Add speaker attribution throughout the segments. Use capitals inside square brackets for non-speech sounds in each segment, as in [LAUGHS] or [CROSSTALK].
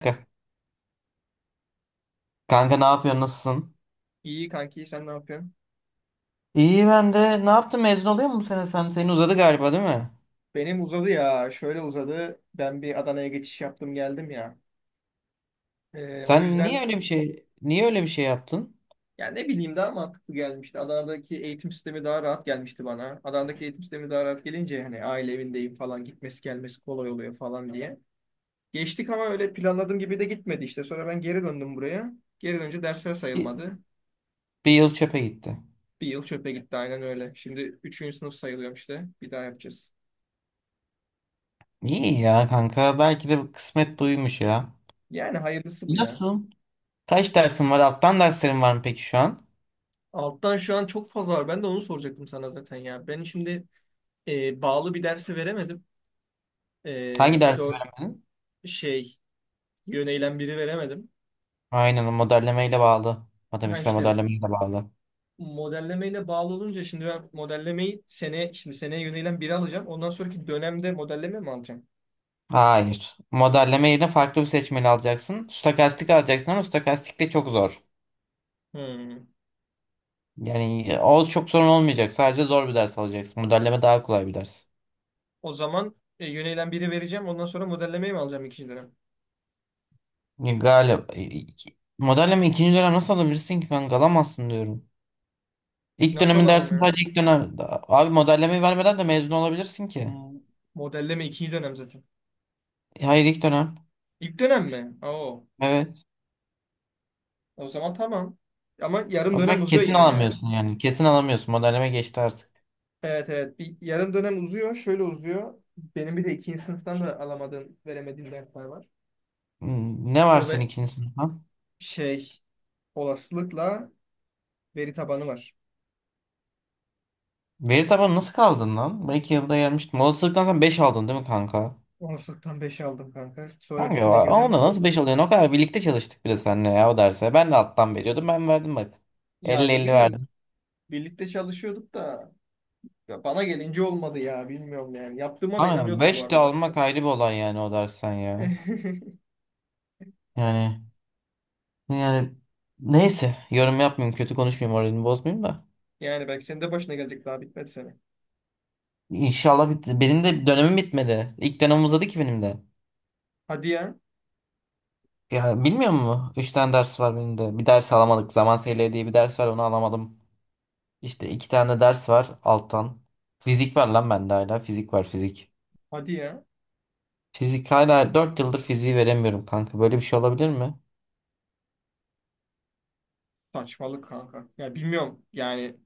Speaker 1: Kanka, kanka ne yapıyorsun? Nasılsın?
Speaker 2: İyi kanki sen ne yapıyorsun?
Speaker 1: İyi ben de. Ne yaptın? Mezun oluyor mu bu sene sen? Senin uzadı galiba, değil mi?
Speaker 2: Benim uzadı ya. Şöyle uzadı. Ben bir Adana'ya geçiş yaptım geldim ya. O
Speaker 1: Sen niye
Speaker 2: yüzden
Speaker 1: öyle bir şey, yaptın?
Speaker 2: ya ne bileyim daha mantıklı gelmişti. Adana'daki eğitim sistemi daha rahat gelmişti bana. Adana'daki eğitim sistemi daha rahat gelince hani aile evindeyim falan gitmesi gelmesi kolay oluyor falan diye. Geçtik ama öyle planladığım gibi de gitmedi işte. Sonra ben geri döndüm buraya. Geri dönünce dersler
Speaker 1: Bir,
Speaker 2: sayılmadı.
Speaker 1: Bir yıl çöpe gitti.
Speaker 2: Bir yıl çöpe gitti aynen öyle. Şimdi üçüncü sınıf sayılıyorum işte. Bir daha yapacağız.
Speaker 1: İyi ya kanka. Belki de kısmet buymuş ya.
Speaker 2: Yani hayırlısı bu ya.
Speaker 1: Nasıl? Kaç dersin var? Alttan derslerin var mı peki şu an?
Speaker 2: Alttan şu an çok fazla var. Ben de onu soracaktım sana zaten ya. Ben şimdi bağlı bir dersi veremedim. E,
Speaker 1: Hangi dersi
Speaker 2: dö-
Speaker 1: veremedin?
Speaker 2: şey yöneylem biri veremedim.
Speaker 1: Aynen, o modellemeyle bağlı.
Speaker 2: Ha
Speaker 1: Matematiksel
Speaker 2: işte
Speaker 1: modellemeyle bağlı.
Speaker 2: modellemeyle bağlı olunca şimdi ben modellemeyi sene şimdi seneye yöneylem biri alacağım. Ondan sonraki dönemde modelleme mi alacağım?
Speaker 1: Hayır, modelleme yerine farklı bir seçmeli alacaksın. Stokastik alacaksın ama stokastik de çok zor.
Speaker 2: Hmm.
Speaker 1: Yani o çok sorun olmayacak. Sadece zor bir ders alacaksın. Modelleme daha kolay bir ders.
Speaker 2: O zaman yöneylem biri vereceğim. Ondan sonra modellemeyi mi alacağım ikinci dönem?
Speaker 1: Galiba modelleme ikinci dönem nasıl alabilirsin ki kanka? Alamazsın diyorum. İlk
Speaker 2: Nasıl
Speaker 1: dönemin
Speaker 2: alamam
Speaker 1: dersi
Speaker 2: ya?
Speaker 1: sadece ilk dönem. Abi modellemeyi vermeden de mezun olabilirsin ki.
Speaker 2: Hmm. Modelleme ikinci dönem zaten.
Speaker 1: Hayır, ilk dönem.
Speaker 2: İlk dönem mi? Oo.
Speaker 1: Evet.
Speaker 2: O zaman tamam. Ama yarım
Speaker 1: O
Speaker 2: dönem
Speaker 1: zaman
Speaker 2: uzuyor
Speaker 1: kesin
Speaker 2: yine ya.
Speaker 1: alamıyorsun yani. Kesin alamıyorsun. Modelleme geçti artık.
Speaker 2: Evet, evet. Bir yarım dönem uzuyor. Şöyle uzuyor. Benim bir de ikinci sınıftan da alamadığım, veremediğim dersler var.
Speaker 1: Hmm, ne var
Speaker 2: O
Speaker 1: senin
Speaker 2: ve
Speaker 1: ikinci sınıftan?
Speaker 2: şey olasılıkla veri tabanı var.
Speaker 1: Veri tabanı nasıl kaldın lan? Ben iki yılda gelmiştim. Olasılıktan sen 5 aldın değil mi kanka?
Speaker 2: Olasılıktan beş aldım kanka. Sonra
Speaker 1: Kanka
Speaker 2: bütüne girdim.
Speaker 1: onda nasıl 5 oluyor? O kadar birlikte çalıştık bile seninle ya o derse. Ben de alttan veriyordum. Ben verdim bak.
Speaker 2: Yani
Speaker 1: Elli
Speaker 2: ne
Speaker 1: 50
Speaker 2: bileyim
Speaker 1: verdim.
Speaker 2: birlikte çalışıyorduk da ya bana gelince olmadı ya bilmiyorum yani. Yaptığıma da
Speaker 1: Ama
Speaker 2: inanıyordum bu
Speaker 1: 5 de
Speaker 2: arada.
Speaker 1: almak ayrı bir olay yani o dersten ya.
Speaker 2: [LAUGHS]
Speaker 1: Yani yani, neyse, yorum yapmayayım. Kötü konuşmayayım. Moralini bozmayayım da.
Speaker 2: Yani belki senin de başına gelecek daha bitmedi sene.
Speaker 1: İnşallah benim de dönemim bitmedi. İlk dönem uzadı ki benim de.
Speaker 2: Hadi ya.
Speaker 1: Ya bilmiyor musun? 3 tane ders var benim de. Bir ders alamadık. Zaman seyirleri diye bir ders var, onu alamadım. İşte 2 tane de ders var alttan. Fizik var lan bende hala. Fizik var, fizik.
Speaker 2: Hadi ya.
Speaker 1: Fizik hala 4 yıldır fiziği veremiyorum kanka. Böyle bir şey olabilir mi?
Speaker 2: Saçmalık kanka. Ya bilmiyorum yani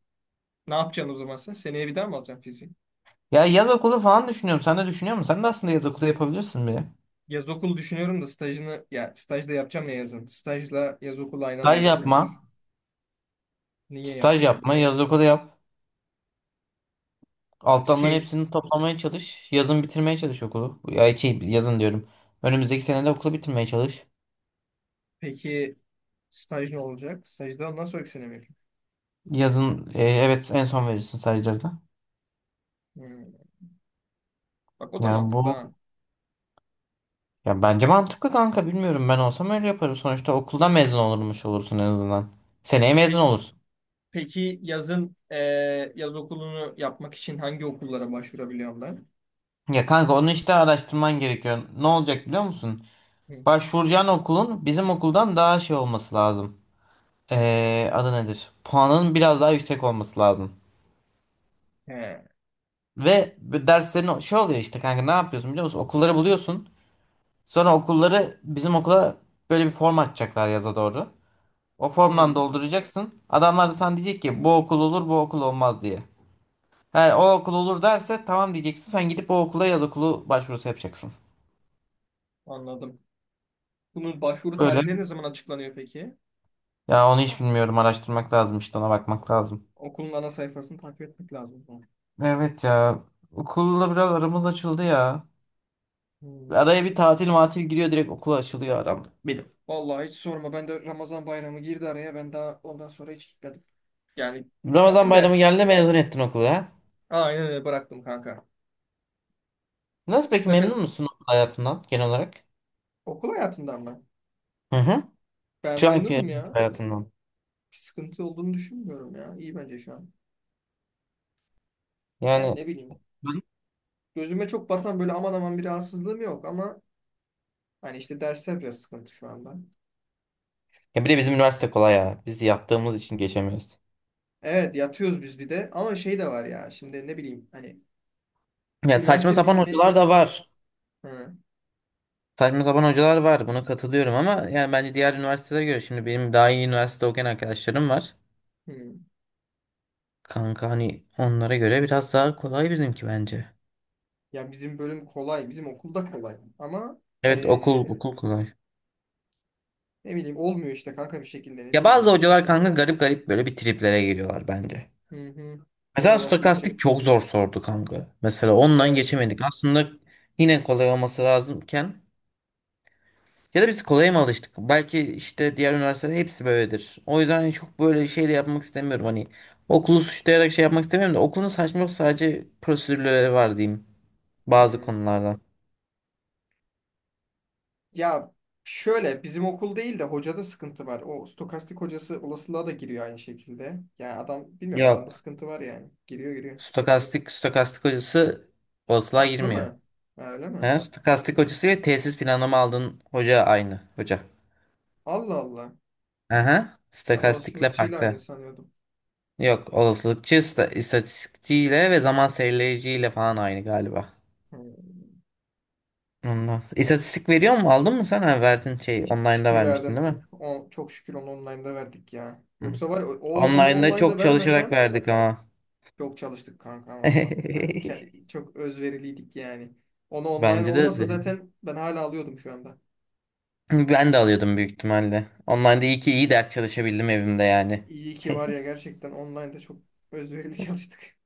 Speaker 2: ne yapacaksın o zaman sen? Seneye bir daha mı alacaksın fiziği?
Speaker 1: Ya yaz okulu falan düşünüyorum. Sen de düşünüyor musun? Sen de aslında yaz okulu yapabilirsin bir.
Speaker 2: Yaz okulu düşünüyorum da stajını ya stajda yapacağım ya yazın. Stajla yaz okulu aynı anda
Speaker 1: Staj yapma.
Speaker 2: yapılmıyormuş. Niye
Speaker 1: Staj
Speaker 2: yapmayayım?
Speaker 1: yapma. Yaz okulu yap. Alttanların
Speaker 2: Şey
Speaker 1: hepsini toplamaya çalış. Yazın bitirmeye çalış okulu. Ya şey, yazın diyorum. Önümüzdeki senede okulu bitirmeye çalış.
Speaker 2: peki staj ne olacak? Stajda nasıl öykünemi yapayım?
Speaker 1: Yazın evet, en son verirsin stajları da.
Speaker 2: Hmm, bak o da
Speaker 1: Yani
Speaker 2: mantıklı
Speaker 1: bu,
Speaker 2: ha.
Speaker 1: ya bence mantıklı kanka. Bilmiyorum, ben olsam öyle yaparım. Sonuçta okuldan mezun olurmuş olursun en azından. Seneye
Speaker 2: E
Speaker 1: mezun
Speaker 2: pe-
Speaker 1: olursun.
Speaker 2: peki yazın yaz okulunu yapmak için hangi okullara başvurabiliyorum ben?
Speaker 1: Ya kanka, onu işte araştırman gerekiyor. Ne olacak biliyor musun?
Speaker 2: Hı.
Speaker 1: Başvuracağın okulun bizim okuldan daha şey olması lazım. Adı nedir? Puanın biraz daha yüksek olması lazım.
Speaker 2: He.
Speaker 1: Ve bu derslerin şey oluyor işte kanka, ne yapıyorsun biliyor musun? Okulları buluyorsun. Sonra okulları bizim okula, böyle bir form açacaklar yaza doğru. O formdan
Speaker 2: Hı,
Speaker 1: dolduracaksın. Adamlar da sana diyecek ki bu okul olur bu okul olmaz diye. Eğer o okul olur derse tamam diyeceksin. Sen gidip o okula yaz okulu başvurusu yapacaksın.
Speaker 2: anladım. Bunun başvuru tarihleri ne zaman açıklanıyor peki?
Speaker 1: Ya onu hiç bilmiyorum. Araştırmak lazım, işte ona bakmak lazım.
Speaker 2: Okulun ana sayfasını takip etmek lazım o zaman.
Speaker 1: Evet ya. Okulla biraz aramız açıldı ya.
Speaker 2: Hmm.
Speaker 1: Araya bir tatil matil giriyor, direkt okul açılıyor aramda. Benim.
Speaker 2: Vallahi hiç sorma. Ben de Ramazan bayramı girdi araya. Ben daha ondan sonra hiç gitmedim. Yani
Speaker 1: Ramazan
Speaker 2: gittim
Speaker 1: bayramı
Speaker 2: de
Speaker 1: geldi, mezun ettin okulu ha.
Speaker 2: aynen öyle bıraktım kanka.
Speaker 1: Nasıl, peki
Speaker 2: Zaten
Speaker 1: memnun musun okul hayatından genel olarak?
Speaker 2: okul hayatından mı?
Speaker 1: Hı hı.
Speaker 2: Ben
Speaker 1: Şu anki
Speaker 2: memnunum
Speaker 1: üniversite
Speaker 2: ya.
Speaker 1: hayatından.
Speaker 2: Bir sıkıntı olduğunu düşünmüyorum ya. İyi bence şu an. Yani
Speaker 1: Yani
Speaker 2: ne bileyim.
Speaker 1: Ben-
Speaker 2: Gözüme çok batan böyle aman aman bir rahatsızlığım yok ama hani işte dersler biraz sıkıntı şu anda.
Speaker 1: ya bir de bizim üniversite kolay ya. Biz yattığımız için geçemiyoruz.
Speaker 2: Evet yatıyoruz biz bir de ama şey de var ya şimdi ne bileyim hani
Speaker 1: Ya saçma
Speaker 2: üniversite
Speaker 1: sapan
Speaker 2: bitmeye
Speaker 1: hocalar da
Speaker 2: yakın.
Speaker 1: var.
Speaker 2: Hı,
Speaker 1: Saçma sapan hocalar var. Buna katılıyorum ama yani bence diğer üniversitelere göre, şimdi benim daha iyi üniversite okuyan arkadaşlarım var.
Speaker 2: hı.
Speaker 1: Kanka hani onlara göre biraz daha kolay bizimki bence.
Speaker 2: Ya bizim bölüm kolay. Bizim okulda kolay. Ama
Speaker 1: Evet,
Speaker 2: ee,
Speaker 1: okul kolay.
Speaker 2: Ne bileyim olmuyor işte kanka bir şekilde ne
Speaker 1: Ya
Speaker 2: diyeyim
Speaker 1: bazı
Speaker 2: yani.
Speaker 1: hocalar kanka garip garip böyle bir triplere giriyorlar bence.
Speaker 2: Hı hı. Hele
Speaker 1: Mesela
Speaker 2: olasılıkçı.
Speaker 1: stokastik çok zor sordu kanka. Mesela ondan
Speaker 2: Evet.
Speaker 1: geçemedik. Aslında yine kolay olması lazımken, ya da biz kolaya mı alıştık? Belki işte diğer üniversitelerin hepsi böyledir. O yüzden hani çok böyle şey de yapmak istemiyorum. Hani okulu suçlayarak şey yapmak istemiyorum da okulun saçma yok, sadece prosedürleri var diyeyim bazı
Speaker 2: Hı.
Speaker 1: konularda.
Speaker 2: Ya şöyle bizim okul değil de hocada sıkıntı var. O stokastik hocası olasılığa da giriyor aynı şekilde. Yani adam bilmiyorum adamda
Speaker 1: Yok.
Speaker 2: sıkıntı var yani. Giriyor.
Speaker 1: Stokastik hocası bozluğa
Speaker 2: Farklı
Speaker 1: girmiyor.
Speaker 2: mı? Ha, öyle mi?
Speaker 1: He, stokastik hocası ile tesis planlama aldığın hoca aynı hoca.
Speaker 2: Allah Allah.
Speaker 1: Aha,
Speaker 2: Ben
Speaker 1: stokastikle
Speaker 2: olasılıkçıyla aynı
Speaker 1: farklı.
Speaker 2: sanıyordum.
Speaker 1: Yok, olasılıkçı istatistikçiyle ve zaman serileyiciyle falan aynı galiba.
Speaker 2: Hı.
Speaker 1: Ondan. İstatistik veriyor mu? Aldın mı sen? Ha, verdin, şey online'da
Speaker 2: İstatistiği
Speaker 1: vermiştin
Speaker 2: verdim.
Speaker 1: değil mi?
Speaker 2: O, çok şükür onu online'da verdik ya.
Speaker 1: Hı.
Speaker 2: Yoksa var ya, o, onu
Speaker 1: Online'da
Speaker 2: online'da
Speaker 1: çok çalışarak
Speaker 2: vermesem.
Speaker 1: verdik ama.
Speaker 2: Çok çalıştık kanka ama.
Speaker 1: [LAUGHS]
Speaker 2: Çok özveriliydik yani. Onu online
Speaker 1: Bence de
Speaker 2: olmasa
Speaker 1: öyle.
Speaker 2: zaten ben hala alıyordum şu anda.
Speaker 1: Ben de alıyordum büyük ihtimalle. Online'da iyi ki iyi ders çalışabildim evimde yani.
Speaker 2: İyi ki var ya
Speaker 1: [LAUGHS]
Speaker 2: gerçekten online'da çok özverili [LAUGHS] çalıştık.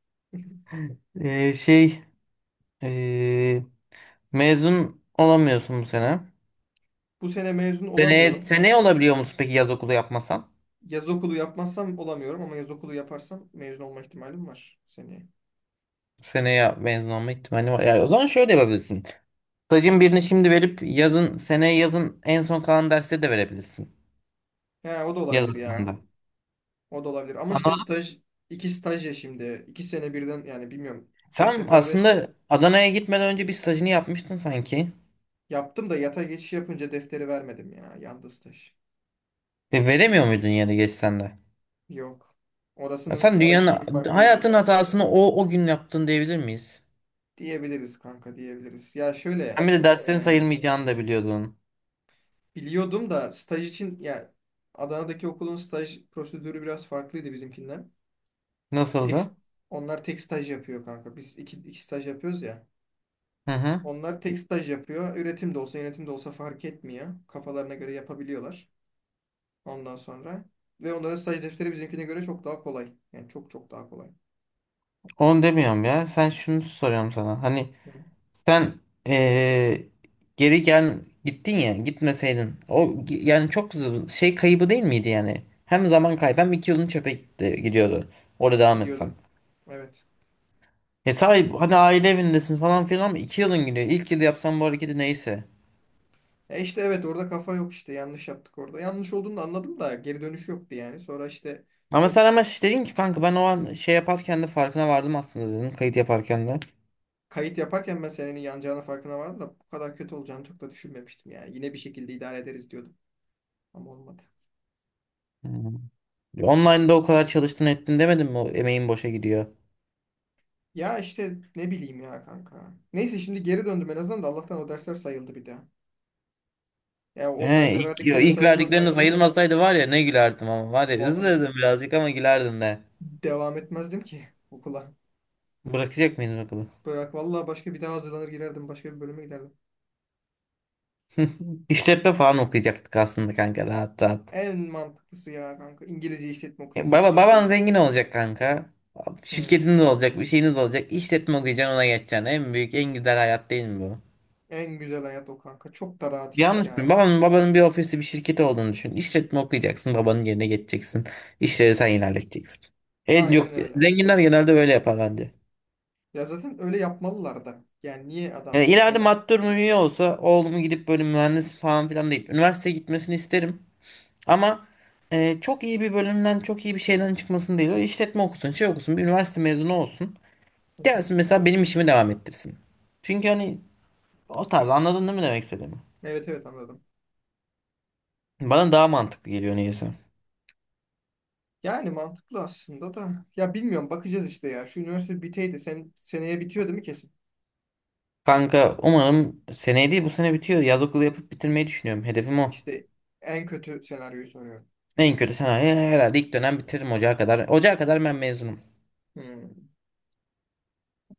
Speaker 1: Ee, şey Ee, mezun olamıyorsun bu sene.
Speaker 2: Bu sene mezun olamıyorum.
Speaker 1: Seneye olabiliyor musun peki yaz okulu yapmasan?
Speaker 2: Yaz okulu yapmazsam olamıyorum ama yaz okulu yaparsam mezun olma ihtimalim var seneye.
Speaker 1: Seneye mezun olma ihtimali var. Ya, o zaman şöyle yapabilirsin. Stajın birini şimdi verip yazın, seneye yazın en son kalan derste de verebilirsin.
Speaker 2: He o da
Speaker 1: Yaz
Speaker 2: olabilir ya.
Speaker 1: okulunda.
Speaker 2: O da olabilir. Ama işte
Speaker 1: Anladım.
Speaker 2: staj, iki staj ya şimdi. İki sene birden yani bilmiyorum. Tek
Speaker 1: Sen
Speaker 2: seferde
Speaker 1: aslında Adana'ya gitmeden önce bir stajını yapmıştın sanki.
Speaker 2: yaptım da yata geçiş yapınca defteri vermedim ya. Yandı staj.
Speaker 1: E, veremiyor muydun yeri geçsen de?
Speaker 2: Yok.
Speaker 1: Ya
Speaker 2: Orasının
Speaker 1: sen
Speaker 2: staj şeyi
Speaker 1: dünyanın
Speaker 2: farklıydı.
Speaker 1: hayatın hatasını o gün yaptın diyebilir miyiz?
Speaker 2: Diyebiliriz kanka diyebiliriz. Ya
Speaker 1: Sen
Speaker 2: şöyle
Speaker 1: bir de derslerin
Speaker 2: e,
Speaker 1: sayılmayacağını da biliyordun.
Speaker 2: biliyordum da staj için ya Adana'daki okulun staj prosedürü biraz farklıydı bizimkinden. Tek,
Speaker 1: Nasıldı?
Speaker 2: onlar tek staj yapıyor kanka. Biz iki staj yapıyoruz ya.
Speaker 1: Hı hı.
Speaker 2: Onlar tek staj yapıyor. Üretim de olsa yönetim de olsa fark etmiyor. Kafalarına göre yapabiliyorlar ondan sonra. Ve onların staj defteri bizimkine göre çok daha kolay. Yani çok daha kolay.
Speaker 1: Onu demiyorum ya. Sen şunu soruyorum sana. Hani
Speaker 2: Hı.
Speaker 1: sen, eee, geri gel, gittin ya, gitmeseydin. Yani çok şey kaybı değil miydi yani? Hem zaman kaybı, hem iki yılın çöpe gitti, gidiyordu. Orada devam etsen.
Speaker 2: Gidiyordu. Evet.
Speaker 1: E sahip, hani aile evindesin falan filan ama iki yılın gidiyor. İlk yıl yapsan bu hareketi neyse.
Speaker 2: E işte evet orada kafa yok işte yanlış yaptık orada. Yanlış olduğunu da anladım da geri dönüş yoktu yani. Sonra işte
Speaker 1: Ama sen, ama şey dedin ki kanka, ben o an şey yaparken de farkına vardım aslında dedin. Kayıt yaparken de.
Speaker 2: kayıt yaparken ben senenin yanacağının farkına vardım da bu kadar kötü olacağını çok da düşünmemiştim yani. Yine bir şekilde idare ederiz diyordum ama olmadı.
Speaker 1: Hmm. Online'da o kadar çalıştın ettin, demedin mi o emeğin boşa gidiyor.
Speaker 2: Ya işte ne bileyim ya kanka. Neyse şimdi geri döndüm en azından da Allah'tan o dersler sayıldı bir daha. Ya
Speaker 1: He,
Speaker 2: online'da
Speaker 1: ilk, yo,
Speaker 2: verdiklerim
Speaker 1: ilk verdikleriniz
Speaker 2: sayılmasaydı
Speaker 1: sayılmasaydı var ya ne gülerdim, ama var ya
Speaker 2: va-
Speaker 1: üzülürdüm birazcık ama gülerdim de.
Speaker 2: devam etmezdim ki [LAUGHS] okula.
Speaker 1: Bırakacak mıydın okulu?
Speaker 2: Bırak vallahi başka bir daha hazırlanır girerdim başka bir bölüme giderdim.
Speaker 1: [LAUGHS] İşletme falan okuyacaktık aslında kanka rahat rahat.
Speaker 2: En mantıklısı ya kanka İngilizce işletme okuyup
Speaker 1: E,
Speaker 2: yurt dışında
Speaker 1: baban
Speaker 2: iş
Speaker 1: zengin
Speaker 2: bulmak.
Speaker 1: olacak kanka.
Speaker 2: Hmm.
Speaker 1: Şirketiniz olacak, bir şeyiniz olacak. İşletme okuyacaksın, ona geçeceksin. En büyük, en güzel hayat değil mi bu?
Speaker 2: En güzel hayat o kanka. Çok da rahat iş
Speaker 1: Yanlış mı?
Speaker 2: ya.
Speaker 1: Babanın bir ofisi, bir şirketi olduğunu düşün. İşletme okuyacaksın, babanın yerine geçeceksin. İşleri sen ilerleteceksin. E, yok,
Speaker 2: Aynen öyle.
Speaker 1: zenginler genelde böyle yapar bence.
Speaker 2: Ya zaten öyle yapmalılar da. Yani niye
Speaker 1: Yani
Speaker 2: adam
Speaker 1: ileride
Speaker 2: zengin?
Speaker 1: master üye olsa oğlumu gidip böyle mühendis falan filan değil. Üniversiteye gitmesini isterim. Ama çok iyi bir bölümden çok iyi bir şeyden çıkmasını değil. Öyle işletme okusun, şey okusun, bir üniversite mezunu olsun.
Speaker 2: Hı hı.
Speaker 1: Gelsin mesela benim işimi devam ettirsin. Çünkü hani o tarz, anladın değil mi demek istediğimi?
Speaker 2: Evet, evet anladım.
Speaker 1: Bana daha mantıklı geliyor neyse.
Speaker 2: Yani mantıklı aslında da. Ya bilmiyorum bakacağız işte ya. Şu üniversite biteydi. Seneye bitiyor değil mi kesin?
Speaker 1: Kanka umarım seneye değil bu sene bitiyor. Yaz okulu yapıp bitirmeyi düşünüyorum. Hedefim o.
Speaker 2: İşte en kötü senaryoyu soruyorum.
Speaker 1: En kötü senaryo herhalde ilk dönem bitiririm, ocağa kadar. Ocağa kadar ben mezunum.
Speaker 2: Hmm.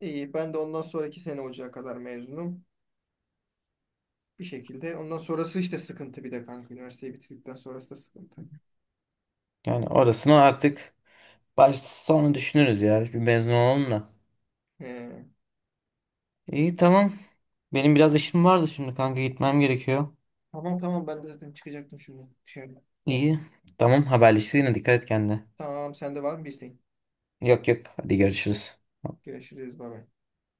Speaker 2: İyi ben de ondan sonraki sene olacağı kadar mezunum. Bir şekilde. Ondan sonrası işte sıkıntı bir de kanka. Üniversiteyi bitirdikten sonrası da sıkıntı.
Speaker 1: Yani orasını artık, başta sonra düşünürüz ya. Bir mezun olalım da.
Speaker 2: Ee,
Speaker 1: İyi, tamam. Benim biraz işim vardı şimdi kanka, gitmem gerekiyor.
Speaker 2: tamam tamam ben de zaten çıkacaktım şimdi dışarı.
Speaker 1: İyi. Tamam, haberleşiriz yine, dikkat et kendine.
Speaker 2: Tamam sende var mı bir isteğin?
Speaker 1: Yok yok, hadi görüşürüz.
Speaker 2: Görüşürüz. Bay bay.